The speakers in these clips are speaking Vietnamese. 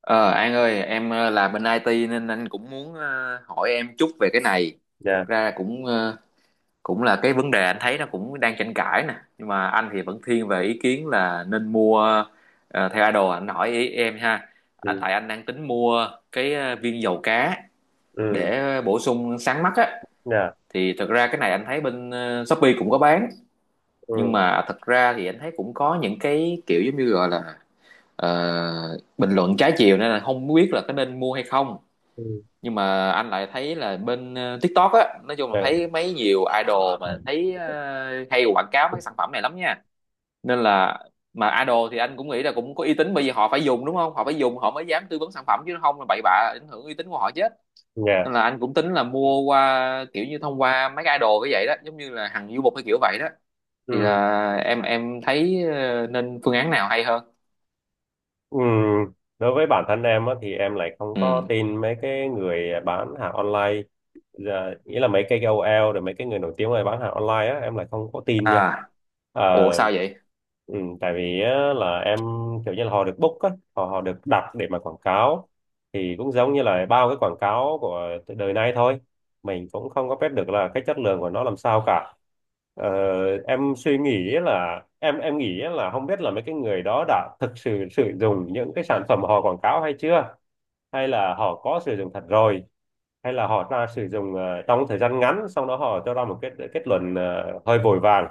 Ờ, An ơi, em làm bên IT nên anh cũng muốn hỏi em chút về cái này. Thực Dạ ra cũng là cái vấn đề anh thấy nó cũng đang tranh cãi nè, nhưng mà anh thì vẫn thiên về ý kiến là nên mua theo idol, anh hỏi ý em ha. À, ừ tại anh đang tính mua cái viên dầu cá ừ để bổ sung sáng mắt á. dạ Thì thực ra cái này anh thấy bên Shopee cũng có bán, nhưng ừ mà thật ra thì anh thấy cũng có những cái kiểu giống như gọi là ờ, bình luận trái chiều, nên là không biết là có nên mua hay không. ừ Nhưng mà anh lại thấy là bên TikTok á, nói chung là dạ thấy mấy nhiều idol mà thấy hay quảng cáo mấy cái sản phẩm này lắm nha, nên là mà idol thì anh cũng nghĩ là cũng có uy tín, bởi vì họ phải dùng đúng không, họ phải dùng họ mới dám tư vấn sản phẩm, chứ không là bậy bạ ảnh hưởng uy tín của họ chết. dạ Nên là anh cũng tính là mua qua kiểu như thông qua mấy cái idol cái vậy đó, giống như là Hằng Du Mục hay kiểu vậy đó. Thì ừ là em thấy nên phương án nào hay hơn? ừ Đối với bản thân em á, thì em lại không có Ừ. tin mấy cái người bán hàng online. Dạ, nghĩa là mấy cái KOL rồi mấy cái người nổi tiếng mà bán hàng online á em lại không có tin nha. À. Ủa Ờ, sao vậy? ừ, Tại vì á, là em kiểu như là họ được book á, họ họ được đặt để mà quảng cáo, thì cũng giống như là bao cái quảng cáo của đời nay thôi, mình cũng không có biết được là cái chất lượng của nó làm sao cả. ờ, em suy nghĩ là em nghĩ là không biết là mấy cái người đó đã thực sự sử dụng những cái sản phẩm họ quảng cáo hay chưa, hay là họ có sử dụng thật rồi, hay là họ ra sử dụng trong thời gian ngắn xong đó họ cho ra một kết kết luận hơi vội vàng.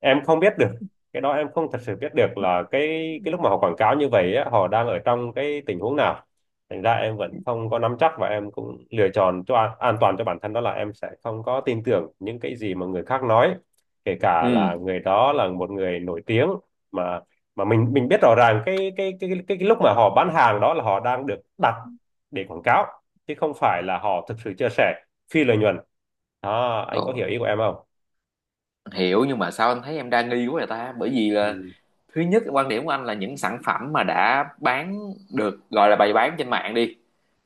Em không biết được, cái đó em không thật sự biết được là cái lúc mà họ quảng cáo như vậy á, họ đang ở trong cái tình huống nào. Thành ra em vẫn không có nắm chắc, và em cũng lựa chọn cho an toàn cho bản thân, đó là em sẽ không có tin tưởng những cái gì mà người khác nói, kể cả là Ừ. người đó là một người nổi tiếng, mà mà mình biết rõ ràng cái lúc mà họ bán hàng đó là họ đang được đặt để quảng cáo, chứ không phải là họ thực sự chia sẻ phi lợi nhuận. Đó, Ồ, anh có hiểu ý của em không? hiểu, nhưng mà sao anh thấy em đa nghi quá vậy ta, bởi vì Ừ. là thứ nhất quan điểm của anh là những sản phẩm mà đã bán được gọi là bày bán trên mạng đi,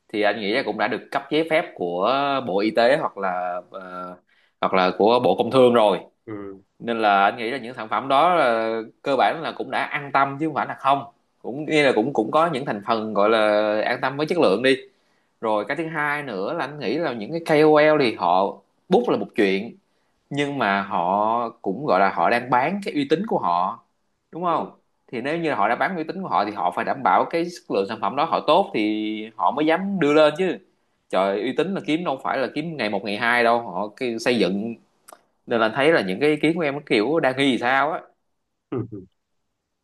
thì anh nghĩ là cũng đã được cấp giấy phép của Bộ Y tế, hoặc là hoặc là của Bộ Công Thương rồi, Ừ. nên là anh nghĩ là những sản phẩm đó là, cơ bản là cũng đã an tâm chứ không phải là không, cũng nghĩa là cũng cũng có những thành phần gọi là an tâm với chất lượng đi. Rồi cái thứ hai nữa là anh nghĩ là những cái ca o KOL thì họ bút là một chuyện, nhưng mà họ cũng gọi là họ đang bán cái uy tín của họ đúng không, thì nếu như họ đã bán uy tín của họ thì họ phải đảm bảo cái chất lượng sản phẩm đó họ tốt thì họ mới dám đưa lên chứ. Trời, uy tín là kiếm đâu phải là kiếm ngày một ngày hai đâu, họ cái xây dựng. Nên là thấy là những cái ý kiến của em nó kiểu đang nghi thì sao á? Ừ.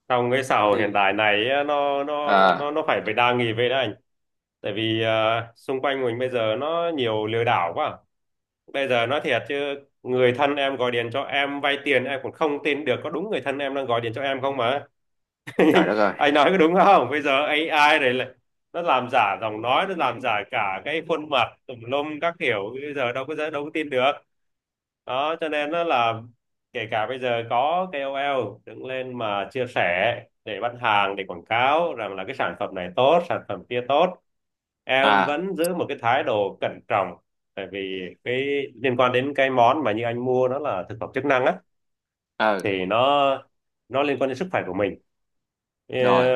Trong cái xã hội hiện Thì tại này á, nó nó nó à. nó phải phải đa nghi về đấy anh. Tại vì à, xung quanh mình bây giờ nó nhiều lừa đảo quá. Bây giờ nói thiệt chứ, người thân em gọi điện cho em vay tiền em cũng không tin được có đúng người thân em đang gọi điện cho em không mà. Trời đất ơi. Anh nói có đúng không, bây giờ AI này lại nó làm giả giọng nói, nó làm giả cả cái khuôn mặt tùm lum các kiểu, bây giờ đâu có tin được. Đó cho nên nó là, kể cả bây giờ có KOL đứng lên mà chia sẻ để bán hàng, để quảng cáo rằng là cái sản phẩm này tốt, sản phẩm kia tốt, em À. vẫn giữ một cái thái độ cẩn trọng. Tại vì cái liên quan đến cái món mà như anh mua nó là thực phẩm chức năng á, Ờ. thì nó liên quan đến sức khỏe của mình. Ờ, Rồi.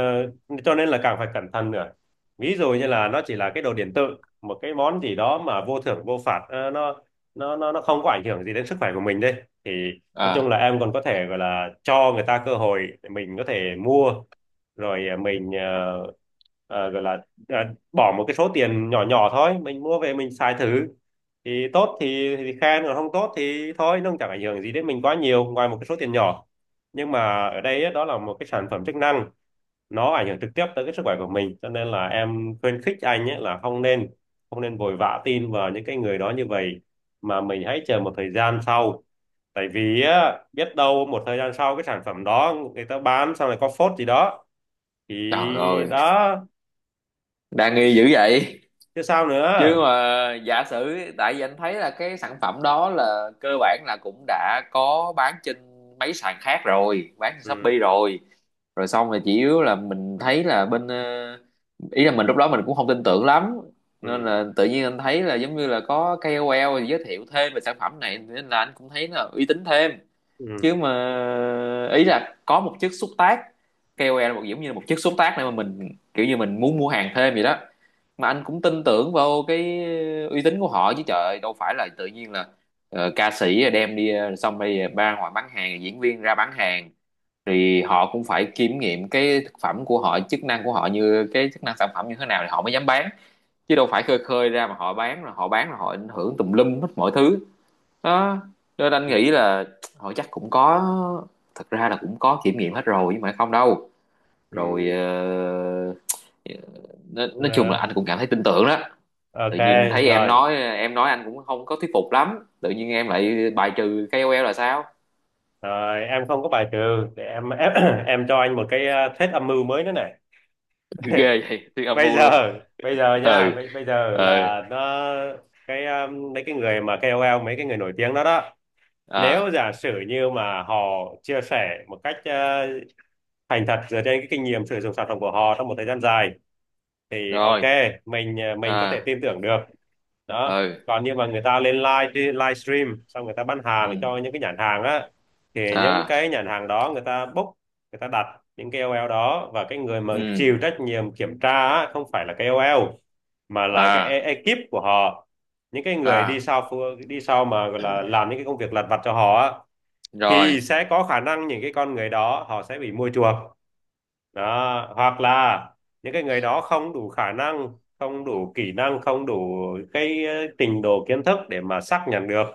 cho nên là càng phải cẩn thận nữa. Ví dụ như là nó chỉ là cái đồ điện tử, một cái món gì đó mà vô thưởng vô phạt, nó nó không có ảnh hưởng gì đến sức khỏe của mình đây. Thì nói chung là À, em còn có thể gọi là cho người ta cơ hội để mình có thể mua rồi ờ, mình ờ, ờ, gọi là ờ, bỏ một cái số tiền nhỏ nhỏ thôi, mình mua về mình xài thử, thì tốt thì khen, còn không tốt thì thôi, nó cũng chẳng ảnh hưởng gì đến mình quá nhiều ngoài một cái số tiền nhỏ. Nhưng mà ở đây á, đó là một cái sản phẩm chức năng, nó ảnh hưởng trực tiếp tới cái sức khỏe của mình, cho nên là em khuyến khích anh ấy là không nên vội vã tin vào những cái người đó như vậy, mà mình hãy chờ một thời gian sau. Tại vì á, biết đâu một thời gian sau cái sản phẩm đó người ta bán sau này có phốt gì đó thì trời ơi, đó. đang nghi dữ vậy? Chứ sao Chứ nữa. mà giả sử, tại vì anh thấy là cái sản phẩm đó là cơ bản là cũng đã có bán trên mấy sàn khác rồi, bán trên ừ Shopee rồi, rồi xong rồi chỉ yếu là mình thấy là bên ý là mình lúc đó mình cũng không tin tưởng lắm, nên ừ là tự nhiên anh thấy là giống như là có KOL giới thiệu thêm về sản phẩm này nên là anh cũng thấy là uy tín thêm. Chứ ừ mà ý là có một chiếc xúc tác, KOL là một giống như là một chiếc xúc tác này mà mình kiểu như mình muốn mua hàng thêm vậy đó, mà anh cũng tin tưởng vào cái uy tín của họ chứ. Trời ơi, đâu phải là tự nhiên là ca sĩ đem đi xong bây giờ ra ngoài bán hàng, diễn viên ra bán hàng, thì họ cũng phải kiểm nghiệm cái thực phẩm của họ, chức năng của họ, như cái chức năng sản phẩm như thế nào thì họ mới dám bán, chứ đâu phải khơi khơi ra mà họ bán, rồi họ bán rồi họ ảnh hưởng tùm lum hết mọi thứ. Đó, nên anh nghĩ ừ là họ chắc cũng có, thật ra là cũng có kiểm nghiệm hết rồi nhưng mà không đâu. Rồi ừ ờ, nói chung Rồi, là anh cũng cảm thấy tin tưởng đó. Tự ok. nhiên thấy em rồi nói, em nói anh cũng không có thuyết phục lắm, tự nhiên em lại bài trừ ca O KOL là sao? rồi em không có bài trừ, để em em, cho anh một cái thuyết âm mưu mới nữa này. Ghê vậy, thuyết âm bây mưu luôn. giờ Ừ. Bây giờ Ừ. là nó cái mấy cái người mà KOL, mấy cái người nổi tiếng đó đó, nếu À. giả sử như mà họ chia sẻ một cách thành thật dựa trên cái kinh nghiệm sử dụng sản phẩm của họ trong một thời gian dài thì ok, Rồi. mình À. mình có thể tin tưởng được. Đó Ừ. còn như mà người ta lên live live stream xong người ta bán hàng Ừ. cho những cái nhãn hàng á, thì những À. cái nhãn hàng đó người ta book, người ta đặt những cái KOL đó, và cái người mà Ừ. chịu trách nhiệm kiểm tra á, không phải là KOL, mà là cái À. ekip của họ, những cái người đi À. sau đi sau mà gọi là làm những cái công việc lặt vặt cho họ á, Rồi. thì sẽ có khả năng những cái con người đó họ sẽ bị mua chuộc. Đó hoặc là những cái người đó không đủ khả năng, không đủ kỹ năng, không đủ cái trình độ kiến thức để mà xác nhận được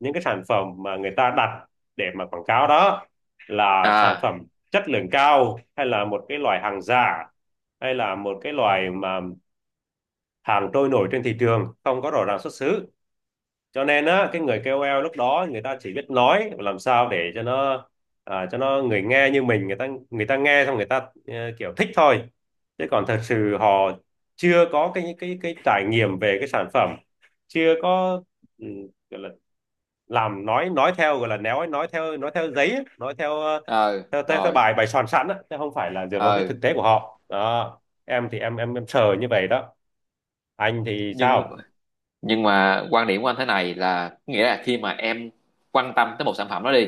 những cái sản phẩm mà người ta đặt để mà quảng cáo đó là sản À. phẩm chất lượng cao, hay là một cái loại hàng giả, hay là một cái loại mà hàng trôi nổi trên thị trường không có rõ ràng xuất xứ. Cho nên á cái người KOL lúc đó người ta chỉ biết nói làm sao để cho nó à, cho nó người nghe như mình, người ta nghe xong người ta ờ, kiểu thích thôi, chứ còn thật sự họ chưa có cái trải nghiệm về cái sản phẩm, chưa có ừ, gọi là làm nói theo, gọi là néo ấy, nói theo giấy ấy, nói theo Ừ. Theo Rồi. bài bài soạn sẵn á, chứ không phải là dựa vào cái thực Ừ. tế của họ đó. Em thì em sờ như vậy đó. Anh thì Nhưng sao? nhưng mà quan điểm của anh thế này là, nghĩa là khi mà em quan tâm tới một sản phẩm đó đi,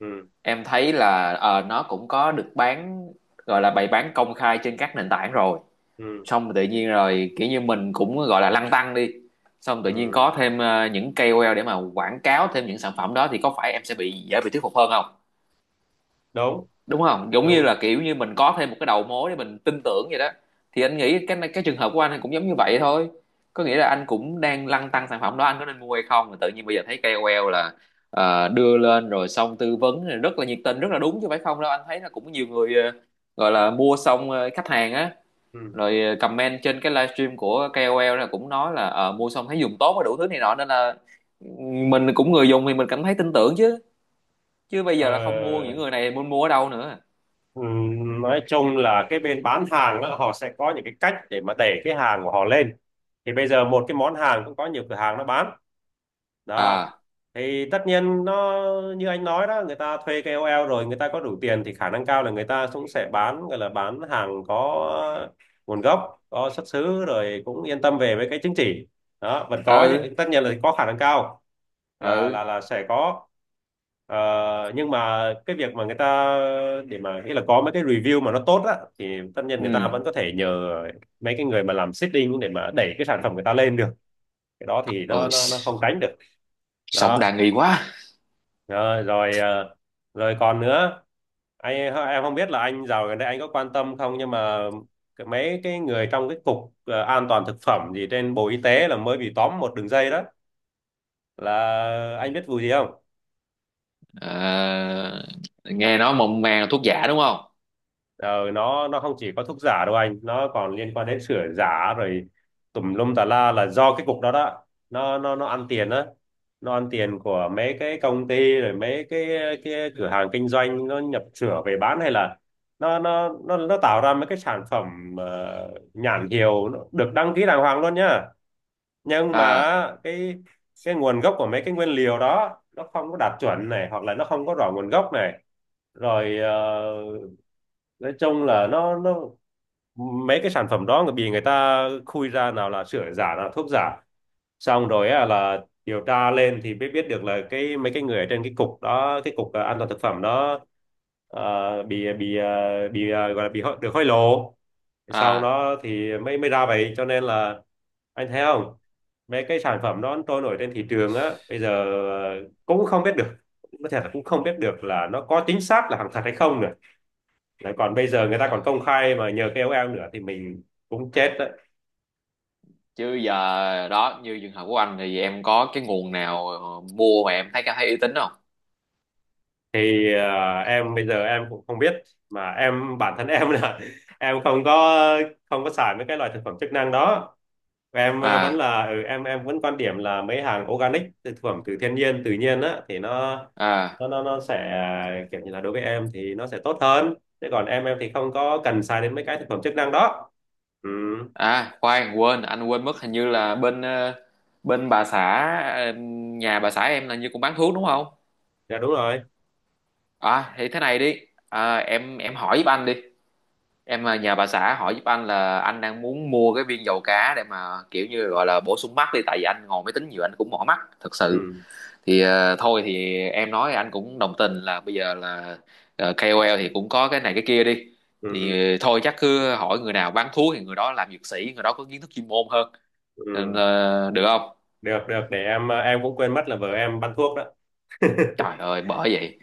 Ừ. em thấy là nó cũng có được bán, gọi là bày bán công khai trên các nền tảng rồi, Ừ. xong rồi tự nhiên rồi kiểu như mình cũng gọi là lăn tăn đi, xong tự nhiên có Ừ. thêm những KOL để mà quảng cáo thêm những sản phẩm đó, thì có phải em sẽ bị dễ bị thuyết phục hơn không? Đúng. Đúng không, giống như Đúng. là kiểu như mình có thêm một cái đầu mối để mình tin tưởng vậy đó. Thì anh nghĩ cái trường hợp của anh cũng giống như vậy thôi, có nghĩa là anh cũng đang lăn tăn sản phẩm đó, anh có nên mua hay không, mà tự nhiên bây giờ thấy KOL là đưa lên rồi xong tư vấn rồi rất là nhiệt tình, rất là đúng chứ phải không đâu, anh thấy là cũng nhiều người gọi là mua xong khách hàng á, Ừ. rồi comment trên cái livestream của KOL là cũng nói là mua xong thấy dùng tốt và đủ thứ này nọ, nên là mình cũng người dùng thì mình cảm thấy tin tưởng chứ. Chứ bây Ờ, giờ là không mua những người này muốn mua ở đâu nữa? ừ, nói chung là cái bên bán hàng đó, họ sẽ có những cái cách để mà đẩy cái hàng của họ lên, thì bây giờ một cái món hàng cũng có nhiều cửa hàng nó bán đó. À. Thì tất nhiên nó như anh nói đó, người ta thuê KOL rồi người ta có đủ tiền thì khả năng cao là người ta cũng sẽ bán, gọi là bán hàng có nguồn gốc có xuất xứ, rồi cũng yên tâm về với cái chứng chỉ đó. Vẫn có Ừ. những, tất nhiên là có khả năng cao là Ừ. Sẽ có. Ờ, nhưng mà cái việc mà người ta để mà nghĩa là có mấy cái review mà nó tốt á, thì tất nhiên người ta Ừ. vẫn có thể nhờ mấy cái người mà làm seeding để mà đẩy cái sản phẩm người ta lên được. Cái đó thì nó Ôi, nó nó không tránh được. sống đa Đó. nghi quá. Ờ, rồi còn nữa. Anh em không biết là anh dạo gần đây anh có quan tâm không nhưng mà mấy cái người trong cái cục an toàn thực phẩm gì trên Bộ Y tế là mới bị tóm một đường dây đó, là anh biết vụ gì không? À, nghe nói mộng màng là thuốc giả đúng không? Ờ, nó không chỉ có thuốc giả đâu anh, nó còn liên quan đến sửa giả rồi tùm lum tà la là do cái cục đó đó. Nó ăn tiền á, nó ăn tiền của mấy cái công ty rồi mấy cái cửa hàng kinh doanh nó nhập sửa về bán, hay là nó tạo ra mấy cái sản phẩm nhãn hiệu nó được đăng ký đàng hoàng luôn nhá. Nhưng mà À. Cái nguồn gốc của mấy cái nguyên liệu đó nó không có đạt chuẩn này, hoặc là nó không có rõ nguồn gốc này, rồi nói chung là nó mấy cái sản phẩm đó người bị người ta khui ra nào là sữa giả nào là thuốc giả, xong rồi á, là điều tra lên thì mới biết được là cái mấy cái người ở trên cái cục đó, cái cục an toàn thực phẩm đó, gọi là được hối lộ, sau À. đó thì mới mới ra vậy, cho nên là anh thấy không, mấy cái sản phẩm đó trôi nổi trên thị trường á bây giờ cũng không biết được, có thể là cũng không biết được là nó có chính xác là hàng thật hay không nữa. Đấy, còn bây giờ người ta còn Trời. công khai mà nhờ KOL nữa thì mình cũng chết đấy. Chứ giờ đó như trường hợp của anh thì em có cái nguồn nào mua mà em thấy cảm thấy uy tín không? Thì em bây giờ em cũng không biết, mà em bản thân em là em không có, không có xài mấy cái loại thực phẩm chức năng đó. Em vẫn À. là ừ, em vẫn quan điểm là mấy hàng organic, thực phẩm từ thiên nhiên tự nhiên á thì À. Nó sẽ kiểu như là đối với em thì nó sẽ tốt hơn. Thế còn em thì không có cần xài đến mấy cái thực phẩm chức năng đó. Ừ, À khoan, quên, anh quên mất hình như là bên bên bà xã, ờ, nhà bà xã em là như cũng bán thuốc đúng không? dạ đúng rồi. À, thì thế này đi. À, em hỏi giúp anh đi. Em à, nhờ bà xã hỏi giúp anh là anh đang muốn mua cái viên dầu cá để mà kiểu như gọi là bổ sung mắt đi, tại vì anh ngồi máy tính nhiều, anh cũng mỏi mắt thật sự. Ừ, Thì thôi thì em nói anh cũng đồng tình là bây giờ là KOL thì cũng có cái này cái kia đi, ừ, thì ừ, thôi chắc cứ hỏi người nào bán thuốc thì người đó làm dược sĩ, người đó có kiến thức chuyên môn hơn. Nên, ừ. Được không? Được được, để em em cũng quên mất là vợ em bán thuốc đó. Trời ơi, bởi vậy.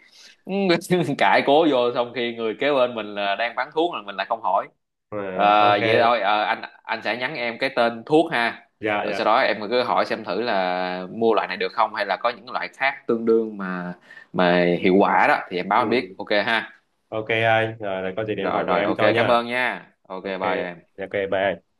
Cãi cố vô xong khi người kế bên mình là đang bán thuốc mà mình lại không hỏi. Ờ, Ờ, ok. vậy thôi, anh sẽ nhắn em cái tên thuốc ha, dạ rồi sau dạ đó em cứ hỏi xem thử là mua loại này được không, hay là có những loại khác tương đương mà hiệu quả đó, thì em báo anh biết ừ. ok ha. Ok anh, rồi có gì để em Rồi hỏi vợ rồi, em ok, cho cảm nha. ơn nha, ok, Ok. bye em. Dạ, ok, bye anh.